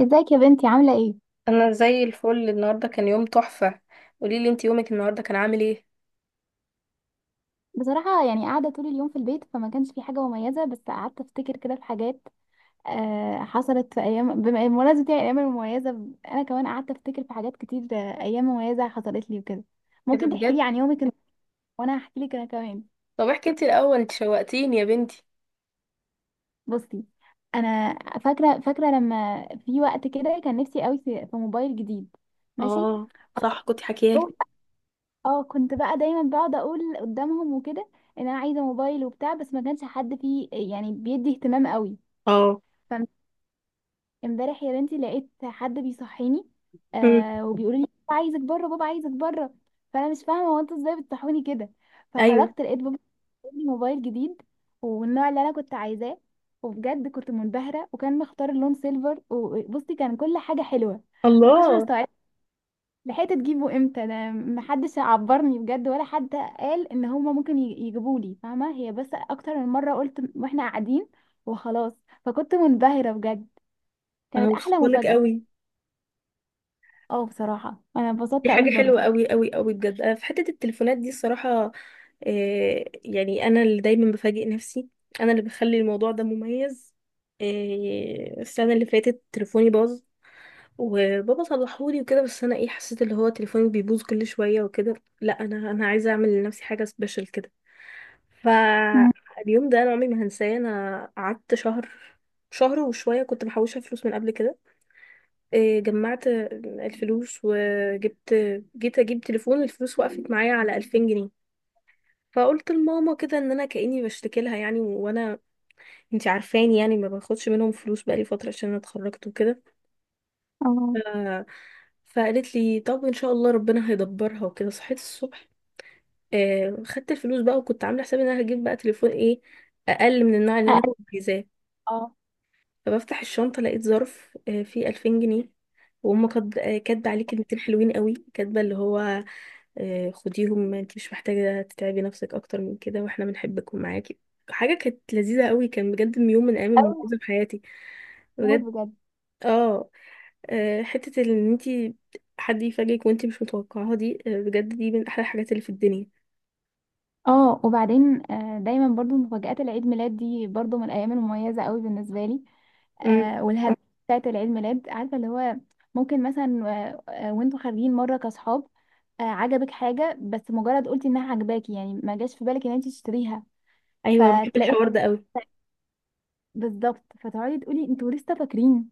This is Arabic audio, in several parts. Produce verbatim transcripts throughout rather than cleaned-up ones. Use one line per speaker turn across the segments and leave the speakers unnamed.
ازيك يا بنتي عاملة ايه؟
انا زي الفل النهارده كان يوم تحفه. قولي لي انت يومك النهارده كان عامل ايه.
بصراحة يعني قاعدة طول اليوم في البيت فما كانش في حاجة مميزة، بس قعدت افتكر كده في حاجات. آه حصلت في ايام بما- بمناسبة يعني الايام المميزة ب- انا كمان قعدت افتكر في حاجات كتير. آه، ايام مميزة حصلت لي وكده.
ايه ده
ممكن تحكي لي
بجد؟
عن يومك ال- وانا هحكي لك انا كمان.
طب احكي انت الاول، انت شوقتيني يا بنتي.
بصي. انا فاكرة فاكرة لما في وقت كده كان نفسي قوي في في موبايل جديد. ماشي.
اه صح، كنت حكيالي.
بقول- اه، كنت بقى دايما بقعد اقول قدامهم وكده ان انا عايزة موبايل وبتاع، بس ما كانش حد فيه يعني بيدي اهتمام قوي.
اه.
فامبارح يا بنتي لقيت حد بيصحيني.
مم.
آه وبيقول لي بابا عايزك بره، بابا عايزك بره. فانا مش فاهمه هو انتوا ازاي بتصحوني كده.
ايوه.
فخرجت لقيت بابا جايب لي موبايل جديد، والنوع اللي انا كنت عايزاه، وبجد كنت منبهره وكان مختار اللون سيلفر، وبصي كان كل حاجه حلوه. ما كنتش
الله.
مستوعبه لحقت تجيبه امتى. ده محدش عبرني بجد، ولا حد قال ان هما ممكن يجيبوا لي، فاهمه هي؟ بس اكتر من مره قلت واحنا قاعدين. وخلاص. فكنت منبهره بجد.
انا
كانت احلى
مبسوطه لك
مفاجاه.
قوي.
اه، بصراحة انا
دي
اتبسطت
حاجه
قوي برضو.
حلوه قوي قوي قوي بجد، انا في حته التليفونات دي الصراحه، آه يعني انا اللي دايما بفاجئ نفسي، انا اللي بخلي الموضوع ده مميز. آه السنه اللي فاتت تليفوني باظ وبابا صلحولي وكده، بس انا ايه حسيت اللي هو تليفوني بيبوظ كل شويه وكده. لا، انا انا عايزه اعمل لنفسي حاجه سبيشال كده.
مم.
فاليوم ده انا عمري ما هنساه. انا قعدت شهر شهر وشويه كنت محوشه فلوس من قبل كده. إيه، جمعت الفلوس وجبت. جيت اجيب تليفون، الفلوس وقفت معايا على ألفين جنيه، فقلت لماما كده ان انا كاني بشتكي لها، يعني وانا انتي عارفاني يعني ما باخدش منهم فلوس بقالي فتره عشان أنا اتخرجت وكده.
اه.
ف- فقالت لي طب ان شاء الله ربنا هيدبرها وكده. صحيت الصبح، آه خدت الفلوس بقى، وكنت عامله حسابي ان انا هجيب بقى تليفون ايه اقل من النوع اللي انا كنت
أقل.
عايزاه.
اه.
فبفتح الشنطه لقيت ظرف آه فيه ألفين جنيه، وهم كاتب- آه، كاتبه عليه كلمتين حلوين قوي، كاتبه اللي هو آه، خديهم انت مش محتاجة تتعبي نفسك اكتر من كده، واحنا بنحبك ومعاكي. حاجة كانت لذيذة قوي، كان بجد من يوم من ايام
أوي.
المميزة في حياتي.
موت
بجد.
بجد.
اه. آه، حتة ان انتي حد يفاجئك وانتي مش متوقعاها دي، آه، بجد دي من احلى الحاجات اللي في الدنيا.
اه. وبعدين، آه، دايما برضو مفاجآت العيد ميلاد دي برضو من الايام المميزة قوي بالنسبة لي.
مم.
آه والهدايا بتاعت العيد ميلاد، عارفة اللي هو ممكن مثلا آه، آه، وانتوا خارجين مرة كاصحاب، آه عجبك حاجة، بس مجرد قلتي انها عجباكي يعني ما جاش في بالك ان انت تشتريها،
ايوه، بحب
فتلاقي
الحوار ده قوي.
بالظبط، فتقعدي تقولي انتوا لسه فاكرين.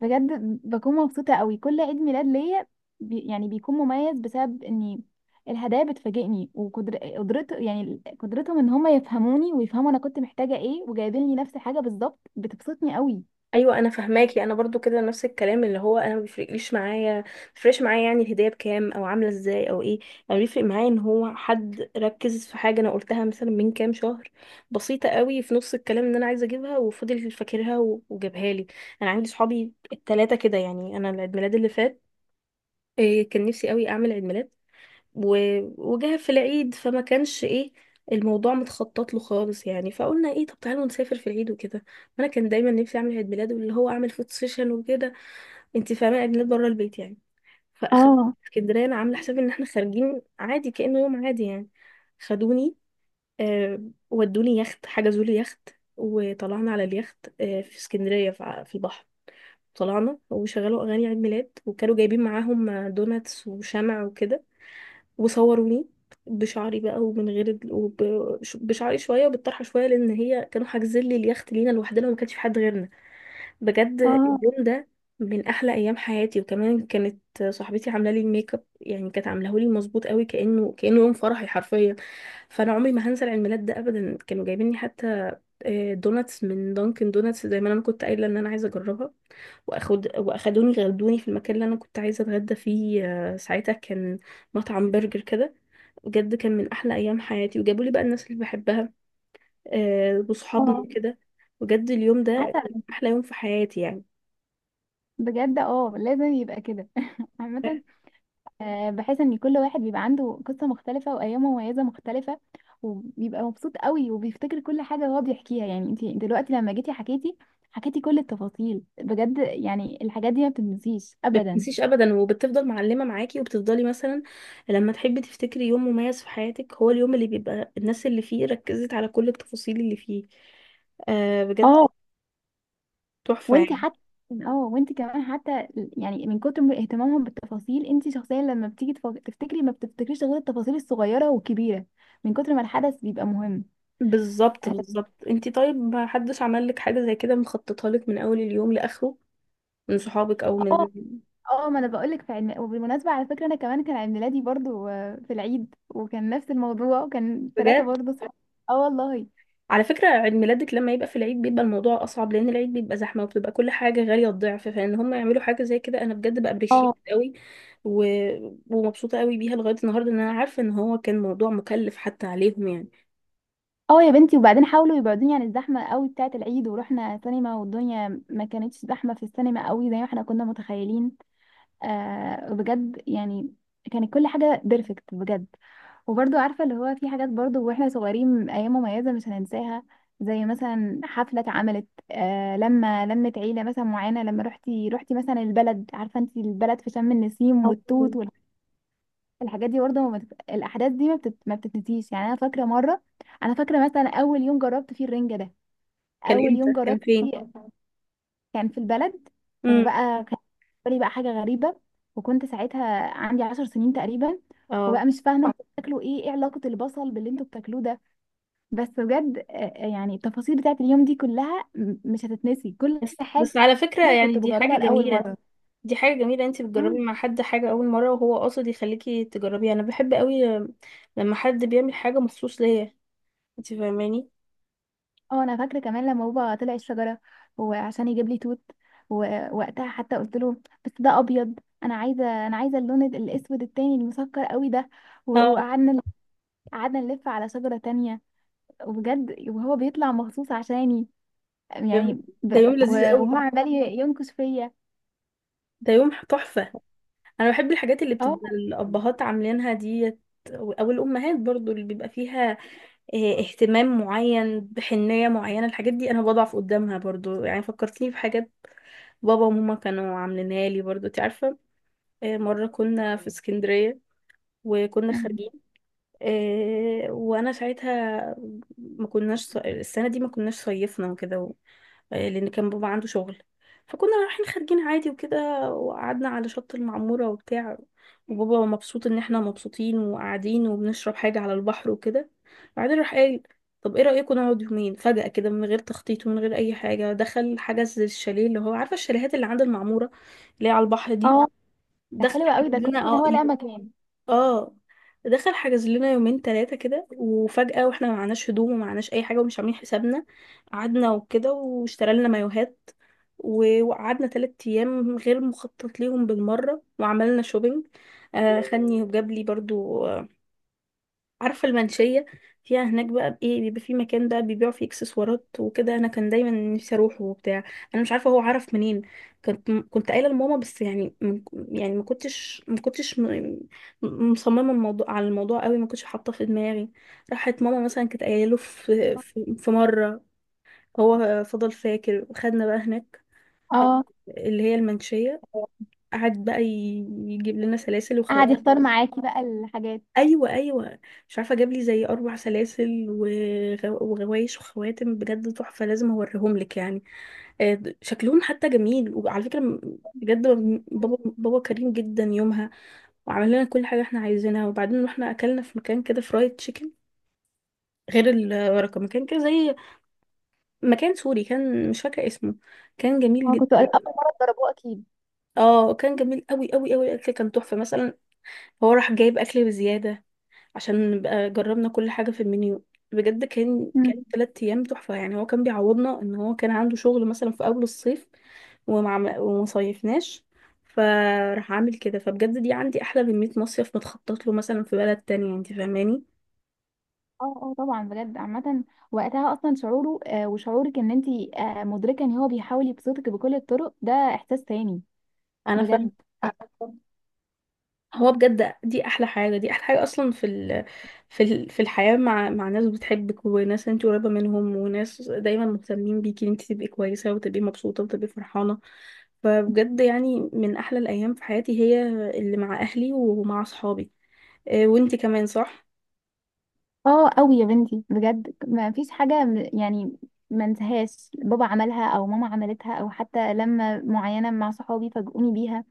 بجد بكون مبسوطة قوي كل عيد ميلاد ليا. بي يعني بيكون مميز بسبب اني الهدايا بتفاجئني وقدر قدرت يعني ال- قدرتهم ان هما يفهموني ويفهموا انا كنت محتاجة ايه، وجايبين لي نفس الحاجة بالظبط. بتبسطني قوي.
ايوه انا فهماكي، انا برضو كده نفس الكلام، اللي هو انا ما بيفرقليش معايا، ما بيفرقش معايا يعني الهديه بكام او عامله ازاي او ايه. انا بيفرق معايا ان هو حد ركز في حاجه انا قلتها مثلا من كام شهر، بسيطه قوي في نص الكلام، ان انا عايزه اجيبها وفضل فاكرها و- وجابها لي. انا عندي صحابي التلاتة كده. يعني انا العيد ميلاد اللي فات، إيه، كان نفسي قوي اعمل عيد ميلاد، و- وجه في العيد فما كانش ايه، الموضوع متخطط له خالص. يعني فقلنا ايه، طب تعالوا نسافر في العيد وكده. وانا كان دايما نفسي اعمل عيد ميلاد، واللي هو اعمل فوتو سيشن وكده، انت فاهمه، عيد ميلاد بره البيت يعني. فاخدت
اه.
اسكندريه، انا عامله حسابي ان احنا خارجين عادي، كانه يوم عادي يعني. خدوني، آه ودوني يخت، حجزوا لي يخت، وطلعنا على اليخت آه في اسكندريه في في البحر. طلعنا وشغلوا اغاني عيد ميلاد، وكانوا جايبين معاهم دوناتس وشمع وكده، وصوروني بشعري بقى ومن غير ال... وب... ش- بشعري شويه وبالطرحه شويه، لان هي كانوا حاجزين لي اليخت لينا لوحدنا وما كانش في حد غيرنا. بجد
اه.
اليوم ده من احلى ايام حياتي. وكمان كانت صاحبتي عامله لي الميك اب، يعني كانت عاملاه لي مظبوط قوي، كانه كانه يوم فرحي حرفيا. فانا عمري ما هنسى العيد ميلاد ده ابدا. كانوا جايبين لي حتى آه، دوناتس من دانكن دوناتس زي ما انا كنت قايله ان انا عايزه اجربها. واخد واخدوني، غدوني في المكان اللي انا كنت عايزه اتغدى فيه، آه، ساعتها كان مطعم برجر كده. بجد كان من احلى ايام حياتي، وجابوا لي بقى الناس اللي بحبها، آه وصحابنا
اه.
وكده. بجد اليوم ده
عسل.
كان احلى يوم في حياتي يعني.
بجد. اه، لازم يبقى كده عامة. آه، بحيث ان كل واحد بيبقى عنده قصة مختلفة وايام مميزة مختلفة، وبيبقى مبسوط قوي وبيفتكر كل حاجة هو بيحكيها. يعني انت دلوقتي لما جيتي حكيتي حكيتي كل التفاصيل. بجد يعني الحاجات دي ما بتنسيش
ما
ابدا.
بتنسيش ابدا، وبتفضل معلمه معاكي، وبتفضلي مثلا لما تحبي تفتكري يوم مميز في حياتك، هو اليوم اللي بيبقى الناس اللي فيه ركزت على كل التفاصيل اللي فيه. آه بجد
اه.
تحفه
وانت
يعني.
حتى. اه، وانت كمان حتى، يعني من كتر من اهتمامهم بالتفاصيل انت شخصيا لما بتيجي تف- تفتكري، ما بتفتكريش غير التفاصيل الصغيرة والكبيرة من كتر ما الحدث بيبقى مهم.
بالظبط بالظبط. انتي طيب ما حدش عمل لك حاجه زي كده مخططها لك من اول اليوم لاخره، من صحابك او
اه.
من؟
اه، ما انا بقولك في علم. وبالمناسبة على فكرة انا كمان كان عيد ميلادي برضو آه، في العيد، وكان نفس الموضوع، وكان ثلاثة
بجد.
برضو صح؟ اه والله.
على فكرة عيد ميلادك لما يبقى في العيد بيبقى الموضوع أصعب، لأن العيد بيبقى زحمة وبتبقى كل حاجة غالية الضعف، فإن هم يعملوا حاجة زي كده أنا بجد بأبريشيت
اه.
قوي و... ومبسوطة قوي بيها لغاية النهاردة، إن أنا عارفة إن هو كان موضوع مكلف حتى عليهم يعني.
اه يا بنتي، وبعدين حاولوا يبعدوني عن الزحمة قوي بتاعة العيد، ورحنا سينما والدنيا ما كانتش زحمة في السينما قوي زي ما احنا كنا متخيلين. آه بجد يعني كانت كل حاجة بيرفكت بجد. وبرضو عارفة اللي هو في حاجات برضو واحنا صغيرين أيام مميزة مش هننساها، زي مثلا حفلة اتعملت آه لما لمت عيلة مثلا معينة، لما روحتي روحتي مثلا البلد، عارفة انت البلد في شم النسيم
اه.
والتوت والحاجات دي برضو. ما بت... الأحداث دي ما, بتت... ما بتتنسيش. يعني أنا فاكرة مرة، أنا فاكرة مثلا أول يوم جربت فيه الرنجة ده،
كان
أول
إمتى؟
يوم
كان
جربت.
فين؟
كان في البلد.
امم.
وبقى كان بالنسبة لي بقى حاجة غريبة. وكنت ساعتها عندي عشر سنين تقريبا. وبقى
اه.
مش فاهمة انتوا بتاكلوا ايه، ايه علاقة البصل باللي انتوا بتاكلوه ده؟ بس بجد آه، آه، يعني التفاصيل بتاعت اليوم دي كلها م- مش هتتنسي كل
بس
حاجة
بس على فكرة يعني
كنت
دي حاجة
بجربها لأول
جميلة.
مرة.
دي حاجة جميلة، انت بتجربي
مم.
مع حد حاجة أول مرة، وهو قاصد يخليكي تجربيها. أنا بحب قوي لما حد بيعمل حاجة مخصوص ليا، انت فاهماني.
اه، انا فاكرة كمان لما بابا طلع الشجرة وعشان يجيب لي توت، ووقتها حتى قلت له بس ده ابيض، انا عايزة انا عايزة اللون ال- الاسود التاني المسكر قوي ده. و-
اه.
وقعدنا، قعدنا نلف على شجرة تانية، وبجد وهو بيطلع مخصوص عشاني،
ده يوم.
يعني. ب...
ده يوم
و-
لذيذ قوي.
وهو عمال ي- ينكش فيا.
ده يوم تحفة. انا بحب الحاجات اللي
اه.
بتبقى الابهات عاملينها ديت، او الامهات برضو، اللي بيبقى فيها اه، اهتمام معين بحنية معينة. الحاجات دي انا بضعف قدامها برضو يعني. فكرتني في حاجات بابا وماما كانوا عاملينها لي برضو، انت عارفة. اه، مرة كنا في اسكندرية، وكنا خارجين، إيه، وانا ساعتها ما كناش ص- السنه دي ما كناش صيفنا وكده و- إيه، لان كان بابا عنده شغل، فكنا رايحين خارجين عادي وكده. وقعدنا على شط المعموره وبتاع، وبابا مبسوط ان احنا مبسوطين وقاعدين وبنشرب حاجه على البحر وكده. بعدين راح قال طب ايه رايكم نقعد يومين فجاه كده من غير تخطيط ومن غير اي حاجه. دخل حجز الشاليه، اللي هو عارفه الشاليهات اللي عند المعموره اللي هي على البحر دي.
اه، ده
دخل
حلو قوي،
حجز
ده
لنا.
كويس ان
اه.
هو لقى مكان.
اه دخل حجز لنا يومين ثلاثة كده وفجأة، واحنا ما معناش هدوم وما معناش أي حاجة ومش عاملين حسابنا. قعدنا وكده واشترى لنا مايوهات، و- وقعدنا تلات أيام غير مخطط ليهم بالمرة، وعملنا شوبينج. آه خدني وجاب لي برضو، عارفة المنشية، فيها هناك بقى ايه بيبقى في مكان بقى بيبيعوا فيه اكسسوارات وكده، انا كان دايما نفسي اروحه وبتاع. انا مش عارفة هو عرف منين، كنت كنت قايلة لماما بس يعني من- يعني ما كنتش ما كنتش م- م- مصممة الموضوع على الموضوع قوي، ما كنتش حاطاه في دماغي. راحت ماما مثلا كانت قايله له في في في مرة، هو فضل فاكر وخدنا بقى هناك،
اه،
اللي هي المنشية. قعد بقى ي- يجيب لنا سلاسل.
قعد يختار معاكي بقى الحاجات.
ايوه، ايوه. مش عارفه جاب لي زي اربع سلاسل وغو- وغوايش وخواتم، بجد تحفه، لازم اوريهم لك يعني. آه، شكلهم حتى جميل، وعلى فكره م- بجد، بابا بابا كريم جدا يومها، وعمل لنا كل حاجه احنا عايزينها. وبعدين رحنا اكلنا في مكان كده فرايد تشيكن، غير الورقه، مكان كده زي مكان سوري، كان مش فاكره اسمه، كان جميل
اه، كنت اول
جدا.
مره اتضربوه اكيد.
اه. كان جميل قوي قوي قوي، الاكل كان تحفه. مثلا هو راح جايب اكل بزياده عشان نبقى جربنا كل حاجة في المنيو. بجد كان كان
مم.
تلات أيام تحفة يعني. هو كان بيعوضنا إن هو كان عنده شغل مثلا في أول الصيف، ومع ومصيفناش، فراح عامل كده. فبجد دي عندي أحلى من مية مصيف متخطط له مثلا في بلد تانية، انت فاهماني.
اه. اه طبعا بجد عامة. وقتها اصلا شعوره آه وشعورك ان انت آه مدركة ان هو بيحاول يبسطك بكل الطرق ده احساس تاني.
أنا فاهمة.
بجد.
هو بجد دي احلى حاجه، دي احلى حاجه اصلا في ال... في ال... في الحياه، مع مع ناس بتحبك وناس انت قريبه منهم، وناس دايما مهتمين بيكي ان انت تبقي كويسه وتبقي مبسوطه وتبقي فرحانه. فبجد يعني من احلى الايام في حياتي هي اللي مع اهلي ومع اصحابي. آه، وانت كمان صح.
اه قوي يا بنتي بجد، ما فيش حاجة م- يعني ما انساهاش بابا عملها او ماما عملتها، او حتى لما معينة مع صحابي فاجئوني بيها.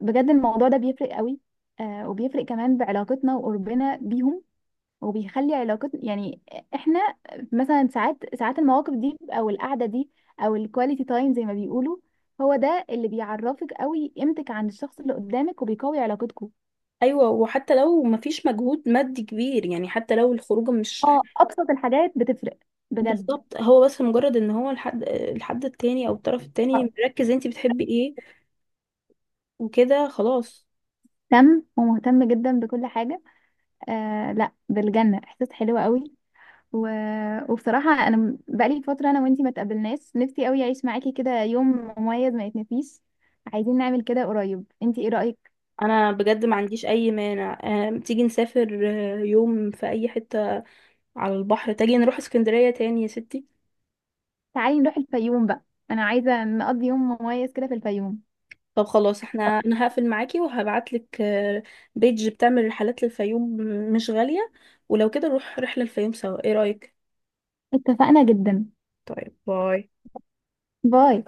بجد الموضوع ده بيفرق قوي. آه وبيفرق كمان بعلاقتنا وقربنا بيهم، وبيخلي علاقتنا يعني احنا مثلا ساعات ساعات المواقف دي او القعده دي، او الكواليتي تايم زي ما بيقولوا، هو ده اللي بيعرفك قوي قيمتك عند الشخص اللي قدامك، وبيقوي علاقتكم.
ايوه، وحتى لو مفيش مجهود مادي كبير، يعني حتى لو الخروجه مش،
اه، ابسط الحاجات بتفرق بجد.
بالظبط، هو بس مجرد ان هو الحد الحد التاني او الطرف التاني
آه.
مركز انت بتحبي ايه، وكده خلاص.
مهتم ومهتم جدا بكل حاجه. آه، لا، بالجنه، احساس حلو قوي. و... وبصراحه انا م- بقالي فتره انا وانتي ما تقابلناش، نفسي قوي اعيش معاكي كده يوم مميز ما يتنسيش. عايزين نعمل كده قريب، انتي ايه رايك؟
انا بجد ما عنديش اي مانع. آم، تيجي نسافر، آه، يوم في اي حتة على البحر، تيجي نروح اسكندرية تاني يا ستي.
تعالي نروح الفيوم بقى، انا عايزة نقضي يوم مميز كده في الفيوم.
طب خلاص، احنا انا هقفل معاكي وهبعتلك، آه، بيج بتعمل رحلات للفيوم مش غالية، ولو كده نروح رحلة الفيوم سوا، ايه رأيك؟
اتفقنا جدا.
طيب، باي.
باي.